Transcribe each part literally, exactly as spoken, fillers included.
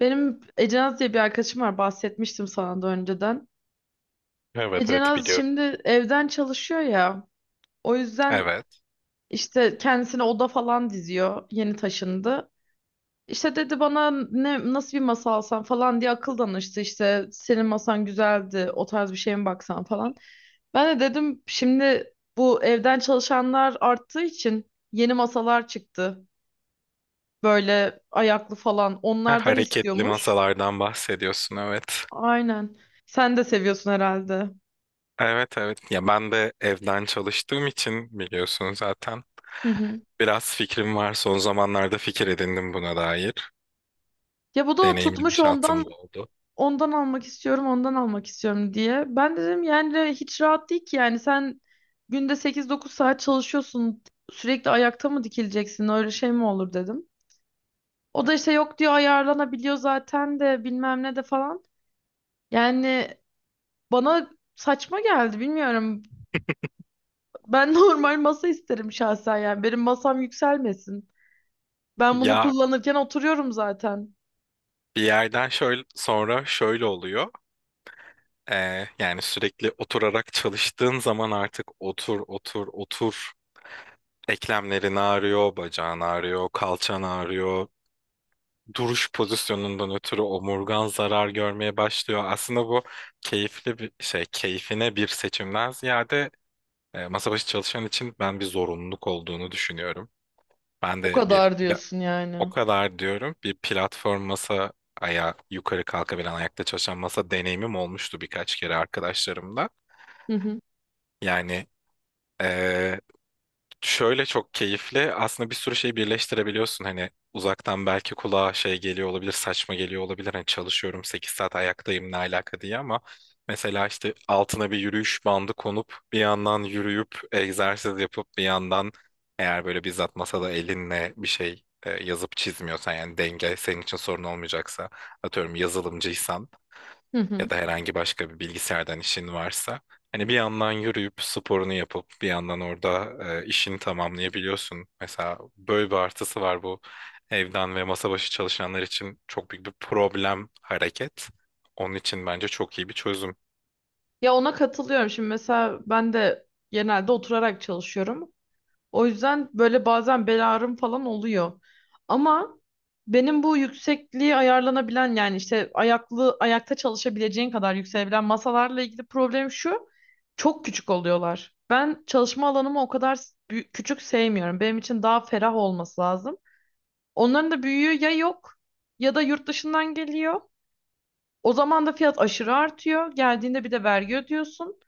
Benim Ecenaz diye bir arkadaşım var, bahsetmiştim sana da önceden. Evet evet, Ecenaz biliyorum. şimdi evden çalışıyor ya. O yüzden Evet. işte kendisine oda falan diziyor. Yeni taşındı. İşte dedi bana ne nasıl bir masa alsam falan diye akıl danıştı. İşte senin masan güzeldi, o tarz bir şeye mi baksan falan. Ben de dedim şimdi bu evden çalışanlar arttığı için yeni masalar çıktı. Böyle ayaklı falan Ha, onlardan hareketli istiyormuş. masalardan bahsediyorsun, evet. Aynen. Sen de seviyorsun herhalde. Evet evet. Ya ben de evden çalıştığım için biliyorsun zaten. Hı hı. Biraz fikrim var. Son zamanlarda fikir edindim buna dair. Ya bu da o Deneyimli bir tutmuş ondan şansım da oldu. ondan almak istiyorum ondan almak istiyorum diye. Ben de dedim yani de hiç rahat değil ki, yani sen günde sekiz dokuz saat çalışıyorsun, sürekli ayakta mı dikileceksin, öyle şey mi olur dedim. O da işte yok diyor, ayarlanabiliyor zaten de bilmem ne de falan. Yani bana saçma geldi, bilmiyorum. Ben normal masa isterim şahsen, yani benim masam yükselmesin. Ben bunu Ya kullanırken oturuyorum zaten. bir yerden şöyle sonra şöyle oluyor. Ee, yani sürekli oturarak çalıştığın zaman artık otur otur otur. Eklemlerin ağrıyor, bacağın ağrıyor, kalçan ağrıyor. Duruş pozisyonundan ötürü omurgan zarar görmeye başlıyor. Aslında bu keyifli bir şey, keyfine bir seçimden ziyade e, masa başı çalışan için ben bir zorunluluk olduğunu düşünüyorum. Ben O de bir kadar pla- diyorsun O yani. kadar diyorum, bir platform masa, ayağı yukarı kalkabilen, ayakta çalışan masa deneyimim olmuştu birkaç kere arkadaşlarımla. Hı hı. Yani e, şöyle çok keyifli. Aslında bir sürü şey birleştirebiliyorsun. Hani uzaktan belki kulağa şey geliyor olabilir, saçma geliyor olabilir. Hani çalışıyorum sekiz saat ayaktayım, ne alaka diye, ama mesela işte altına bir yürüyüş bandı konup bir yandan yürüyüp egzersiz yapıp bir yandan, eğer böyle bizzat masada elinle bir şey e, yazıp çizmiyorsan, yani denge senin için sorun olmayacaksa, atıyorum yazılımcıysan Hı hı. ya da herhangi başka bir bilgisayardan işin varsa, hani bir yandan yürüyüp sporunu yapıp bir yandan orada e, işini tamamlayabiliyorsun. Mesela böyle bir artısı var bu. Evden ve masa başı çalışanlar için çok büyük bir problem hareket. Onun için bence çok iyi bir çözüm. Ya ona katılıyorum. Şimdi mesela ben de genelde oturarak çalışıyorum. O yüzden böyle bazen bel ağrım falan oluyor. Ama benim bu yüksekliği ayarlanabilen, yani işte ayaklı, ayakta çalışabileceğin kadar yükselebilen masalarla ilgili problem şu. Çok küçük oluyorlar. Ben çalışma alanımı o kadar s- büy- küçük sevmiyorum. Benim için daha ferah olması lazım. Onların da büyüğü ya yok ya da yurt dışından geliyor. O zaman da fiyat aşırı artıyor. Geldiğinde bir de vergi ödüyorsun.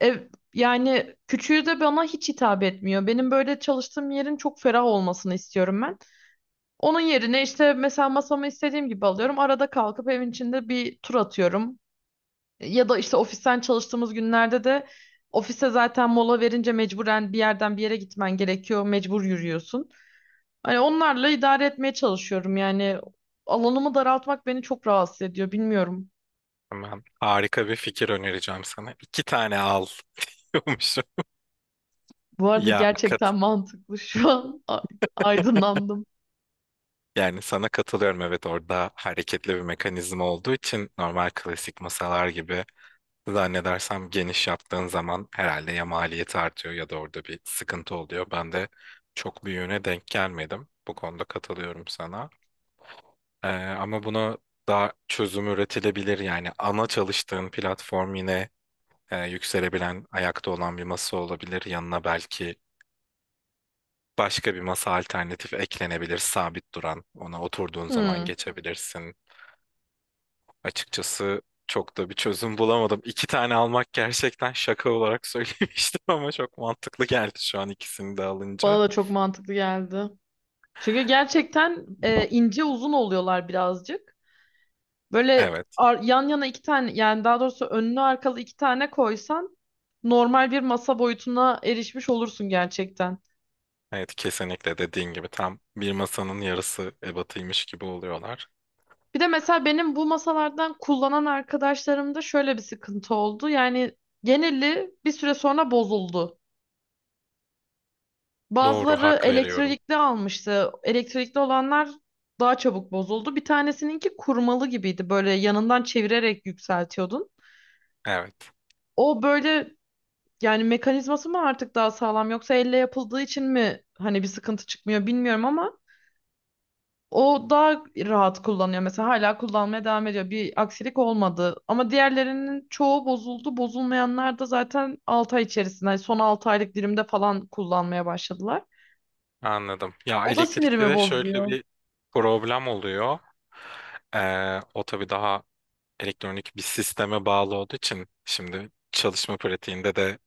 Ev, Yani küçüğü de bana hiç hitap etmiyor. Benim böyle çalıştığım yerin çok ferah olmasını istiyorum ben. Onun yerine işte mesela masamı istediğim gibi alıyorum. Arada kalkıp evin içinde bir tur atıyorum. Ya da işte ofisten çalıştığımız günlerde de ofise zaten mola verince mecburen bir yerden bir yere gitmen gerekiyor. Mecbur yürüyorsun. Hani onlarla idare etmeye çalışıyorum. Yani alanımı daraltmak beni çok rahatsız ediyor. Bilmiyorum. Hemen harika bir fikir önereceğim sana. İki tane al diyormuşum. Bu arada Ya gerçekten kat mantıklı şu an. Aydınlandım. Yani sana katılıyorum, evet, orada hareketli bir mekanizma olduğu için normal klasik masalar gibi, zannedersem geniş yaptığın zaman herhalde ya maliyeti artıyor ya da orada bir sıkıntı oluyor. Ben de çok büyüğüne denk gelmedim. Bu konuda katılıyorum sana. Ee, ama buna daha çözüm üretilebilir. Yani ana çalıştığın platform yine e, yükselebilen, ayakta olan bir masa olabilir. Yanına belki başka bir masa alternatif eklenebilir, sabit duran. Ona oturduğun zaman Hmm. geçebilirsin. Açıkçası çok da bir çözüm bulamadım. İki tane almak gerçekten şaka olarak söylemiştim ama çok mantıklı geldi şu an ikisini de Bana alınca. da çok mantıklı geldi. Çünkü gerçekten e, ince uzun oluyorlar birazcık. Böyle Evet, ar- yan yana iki tane, yani daha doğrusu önlü arkalı iki tane koysan, normal bir masa boyutuna erişmiş olursun gerçekten. evet, kesinlikle dediğin gibi tam bir masanın yarısı ebatıymış gibi oluyorlar. Bir de mesela benim bu masalardan kullanan arkadaşlarımda şöyle bir sıkıntı oldu. Yani geneli bir süre sonra bozuldu. Doğru, Bazıları hak veriyorum. elektrikli almıştı. Elektrikli olanlar daha çabuk bozuldu. Bir tanesininki kurmalı gibiydi. Böyle yanından çevirerek yükseltiyordun. Evet, O böyle, yani mekanizması mı artık daha sağlam, yoksa elle yapıldığı için mi hani bir sıkıntı çıkmıyor bilmiyorum, ama o daha rahat kullanıyor. Mesela hala kullanmaya devam ediyor. Bir aksilik olmadı. Ama diğerlerinin çoğu bozuldu. Bozulmayanlar da zaten altı ay içerisinde, hani son altı aylık dilimde falan kullanmaya başladılar. anladım. Ya O da elektrikte sinirimi de şöyle bozuyor. bir problem oluyor. Ee, o tabii daha elektronik bir sisteme bağlı olduğu için, şimdi çalışma pratiğinde de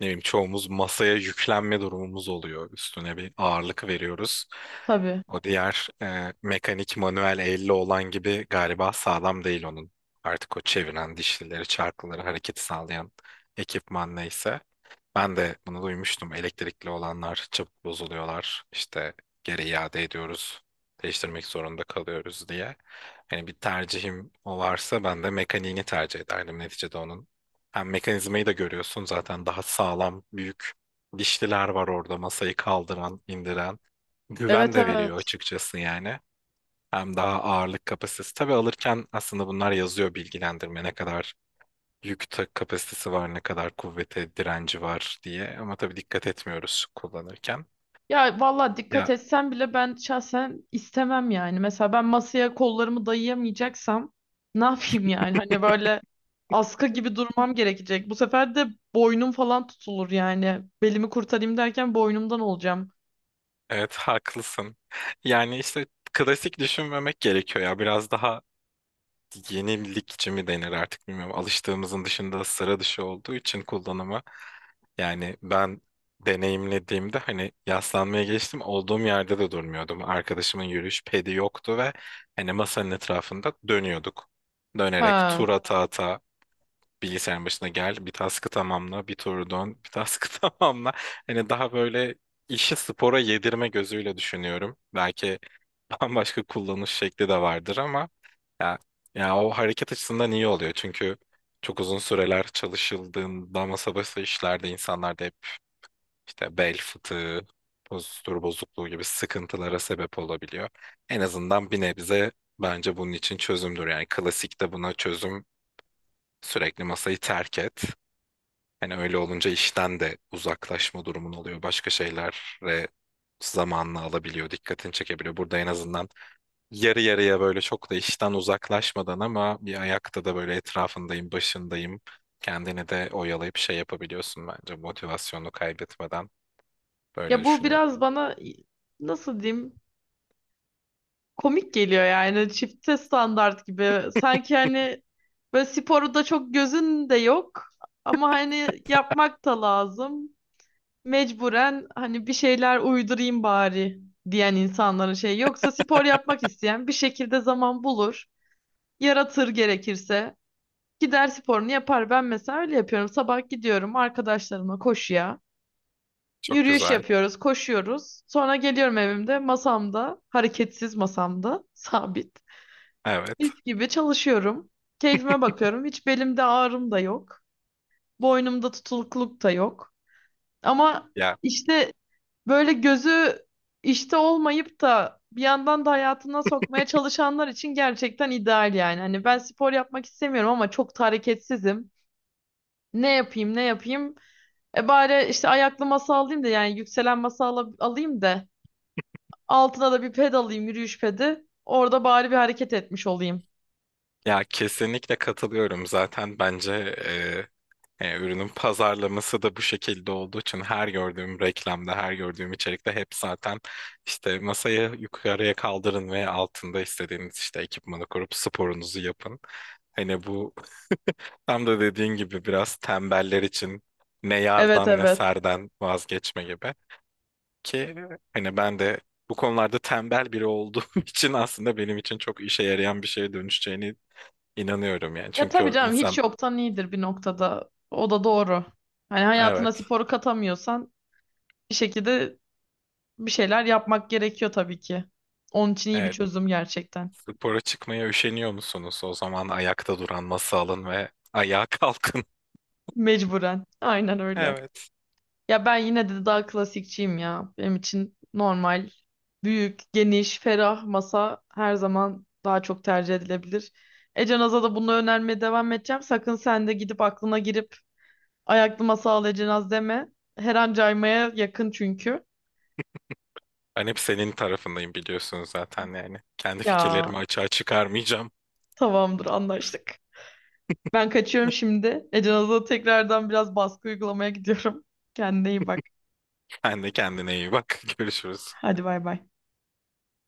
ne bileyim çoğumuz masaya yüklenme durumumuz oluyor. Üstüne bir ağırlık veriyoruz. Tabii. O diğer e, mekanik, manuel, elle olan gibi galiba sağlam değil onun. Artık o çeviren dişlileri, çarkları hareket sağlayan ekipman neyse. Ben de bunu duymuştum. Elektrikli olanlar çabuk bozuluyorlar. İşte geri iade ediyoruz. Değiştirmek zorunda kalıyoruz diye. Hani bir tercihim o varsa ben de mekaniğini tercih ederdim. Neticede onun, hem mekanizmayı da görüyorsun zaten, daha sağlam, büyük dişliler var orada masayı kaldıran, indiren. Güven Evet, de veriyor evet. açıkçası yani. Hem daha ağırlık kapasitesi. Tabii alırken aslında bunlar yazıyor bilgilendirme, ne kadar yük ta- kapasitesi var, ne kadar kuvvete direnci var diye. Ama tabii dikkat etmiyoruz kullanırken. Ya valla dikkat Ya etsem bile ben şahsen istemem yani. Mesela ben masaya kollarımı dayayamayacaksam ne yapayım yani? Hani böyle askı gibi durmam gerekecek. Bu sefer de boynum falan tutulur yani. Belimi kurtarayım derken boynumdan olacağım. evet, haklısın. Yani işte klasik düşünmemek gerekiyor ya. Biraz daha yenilikçi mi denir artık, bilmiyorum. Alıştığımızın dışında, sıra dışı olduğu için kullanımı. Yani ben deneyimlediğimde, hani yaslanmaya geçtim, olduğum yerde de durmuyordum. Arkadaşımın yürüyüş pedi yoktu ve hani masanın etrafında dönüyorduk. Dönerek Ha. tur ata ata bilgisayarın başına gel, bir task'ı tamamla, bir turu dön, bir task'ı tamamla. Hani daha böyle işi spora yedirme gözüyle düşünüyorum. Belki bambaşka kullanış şekli de vardır ama ya, ya o hareket açısından iyi oluyor çünkü çok uzun süreler çalışıldığında masa başı işlerde insanlarda hep işte bel fıtığı, postür bozukluğu gibi sıkıntılara sebep olabiliyor. En azından bir nebze bence bunun için çözümdür. Yani klasikte buna çözüm sürekli masayı terk et. Hani öyle olunca işten de uzaklaşma durumun oluyor. Başka şeylere zamanını alabiliyor, dikkatini çekebiliyor. Burada en azından yarı yarıya, böyle çok da işten uzaklaşmadan ama bir ayakta da, böyle etrafındayım, başındayım. Kendini de oyalayıp şey yapabiliyorsun bence motivasyonunu kaybetmeden. Böyle Ya bu düşünüyorum. biraz bana, nasıl diyeyim, komik geliyor yani, çifte standart gibi. Sanki hani böyle sporu da çok gözün de yok ama hani yapmak da lazım, mecburen hani bir şeyler uydurayım bari diyen insanların şey. Yoksa spor yapmak isteyen bir şekilde zaman bulur, yaratır gerekirse. Gider sporunu yapar. Ben mesela öyle yapıyorum. Sabah gidiyorum arkadaşlarımla koşuya. Çok Yürüyüş güzel. yapıyoruz, koşuyoruz. Sonra geliyorum evimde masamda, hareketsiz masamda, sabit. Evet. Mis gibi çalışıyorum. Keyfime bakıyorum. Hiç belimde ağrım da yok. Boynumda tutulukluk da yok. Ama Ya işte böyle gözü işte olmayıp da bir yandan da hayatına sokmaya çalışanlar için gerçekten ideal yani. Hani ben spor yapmak istemiyorum ama çok da hareketsizim. Ne yapayım, ne yapayım? E bari işte ayaklı masa alayım, da yani yükselen masa ala- alayım da altına da bir ped alayım, yürüyüş pedi. Orada bari bir hareket etmiş olayım. ya kesinlikle katılıyorum. Zaten bence e, e, ürünün pazarlaması da bu şekilde olduğu için her gördüğüm reklamda, her gördüğüm içerikte hep zaten işte masayı yukarıya kaldırın ve altında istediğiniz işte ekipmanı kurup sporunuzu yapın. Hani bu Tam da dediğin gibi biraz tembeller için ne Evet, yardan ne evet. serden vazgeçme gibi. Ki hani ben de bu konularda tembel biri olduğum için aslında benim için çok işe yarayan bir şeye dönüşeceğini inanıyorum yani. Ya Çünkü tabii o canım, hiç insan yoktan iyidir bir noktada. O da doğru. Hani hayatına evet sporu katamıyorsan bir şekilde bir şeyler yapmak gerekiyor tabii ki. Onun için iyi bir evet çözüm gerçekten. spora çıkmaya üşeniyor musunuz? O zaman ayakta duran masa alın ve ayağa kalkın. Mecburen. Aynen öyle. Evet. Ya ben yine de daha klasikçiyim ya. Benim için normal, büyük, geniş, ferah masa her zaman daha çok tercih edilebilir. Ecenaz'a da bunu önermeye devam edeceğim. Sakın sen de gidip aklına girip ayaklı masa al Ecenaz deme. Her an caymaya yakın çünkü. Ben hep senin tarafındayım, biliyorsunuz zaten yani. Kendi Ya fikirlerimi açığa çıkarmayacağım. tamamdır, anlaştık. Ben kaçıyorum şimdi. Ecenaz'a tekrardan biraz baskı uygulamaya gidiyorum. Kendine iyi bak. Sen de kendine iyi bak. Görüşürüz. Hadi bay bay.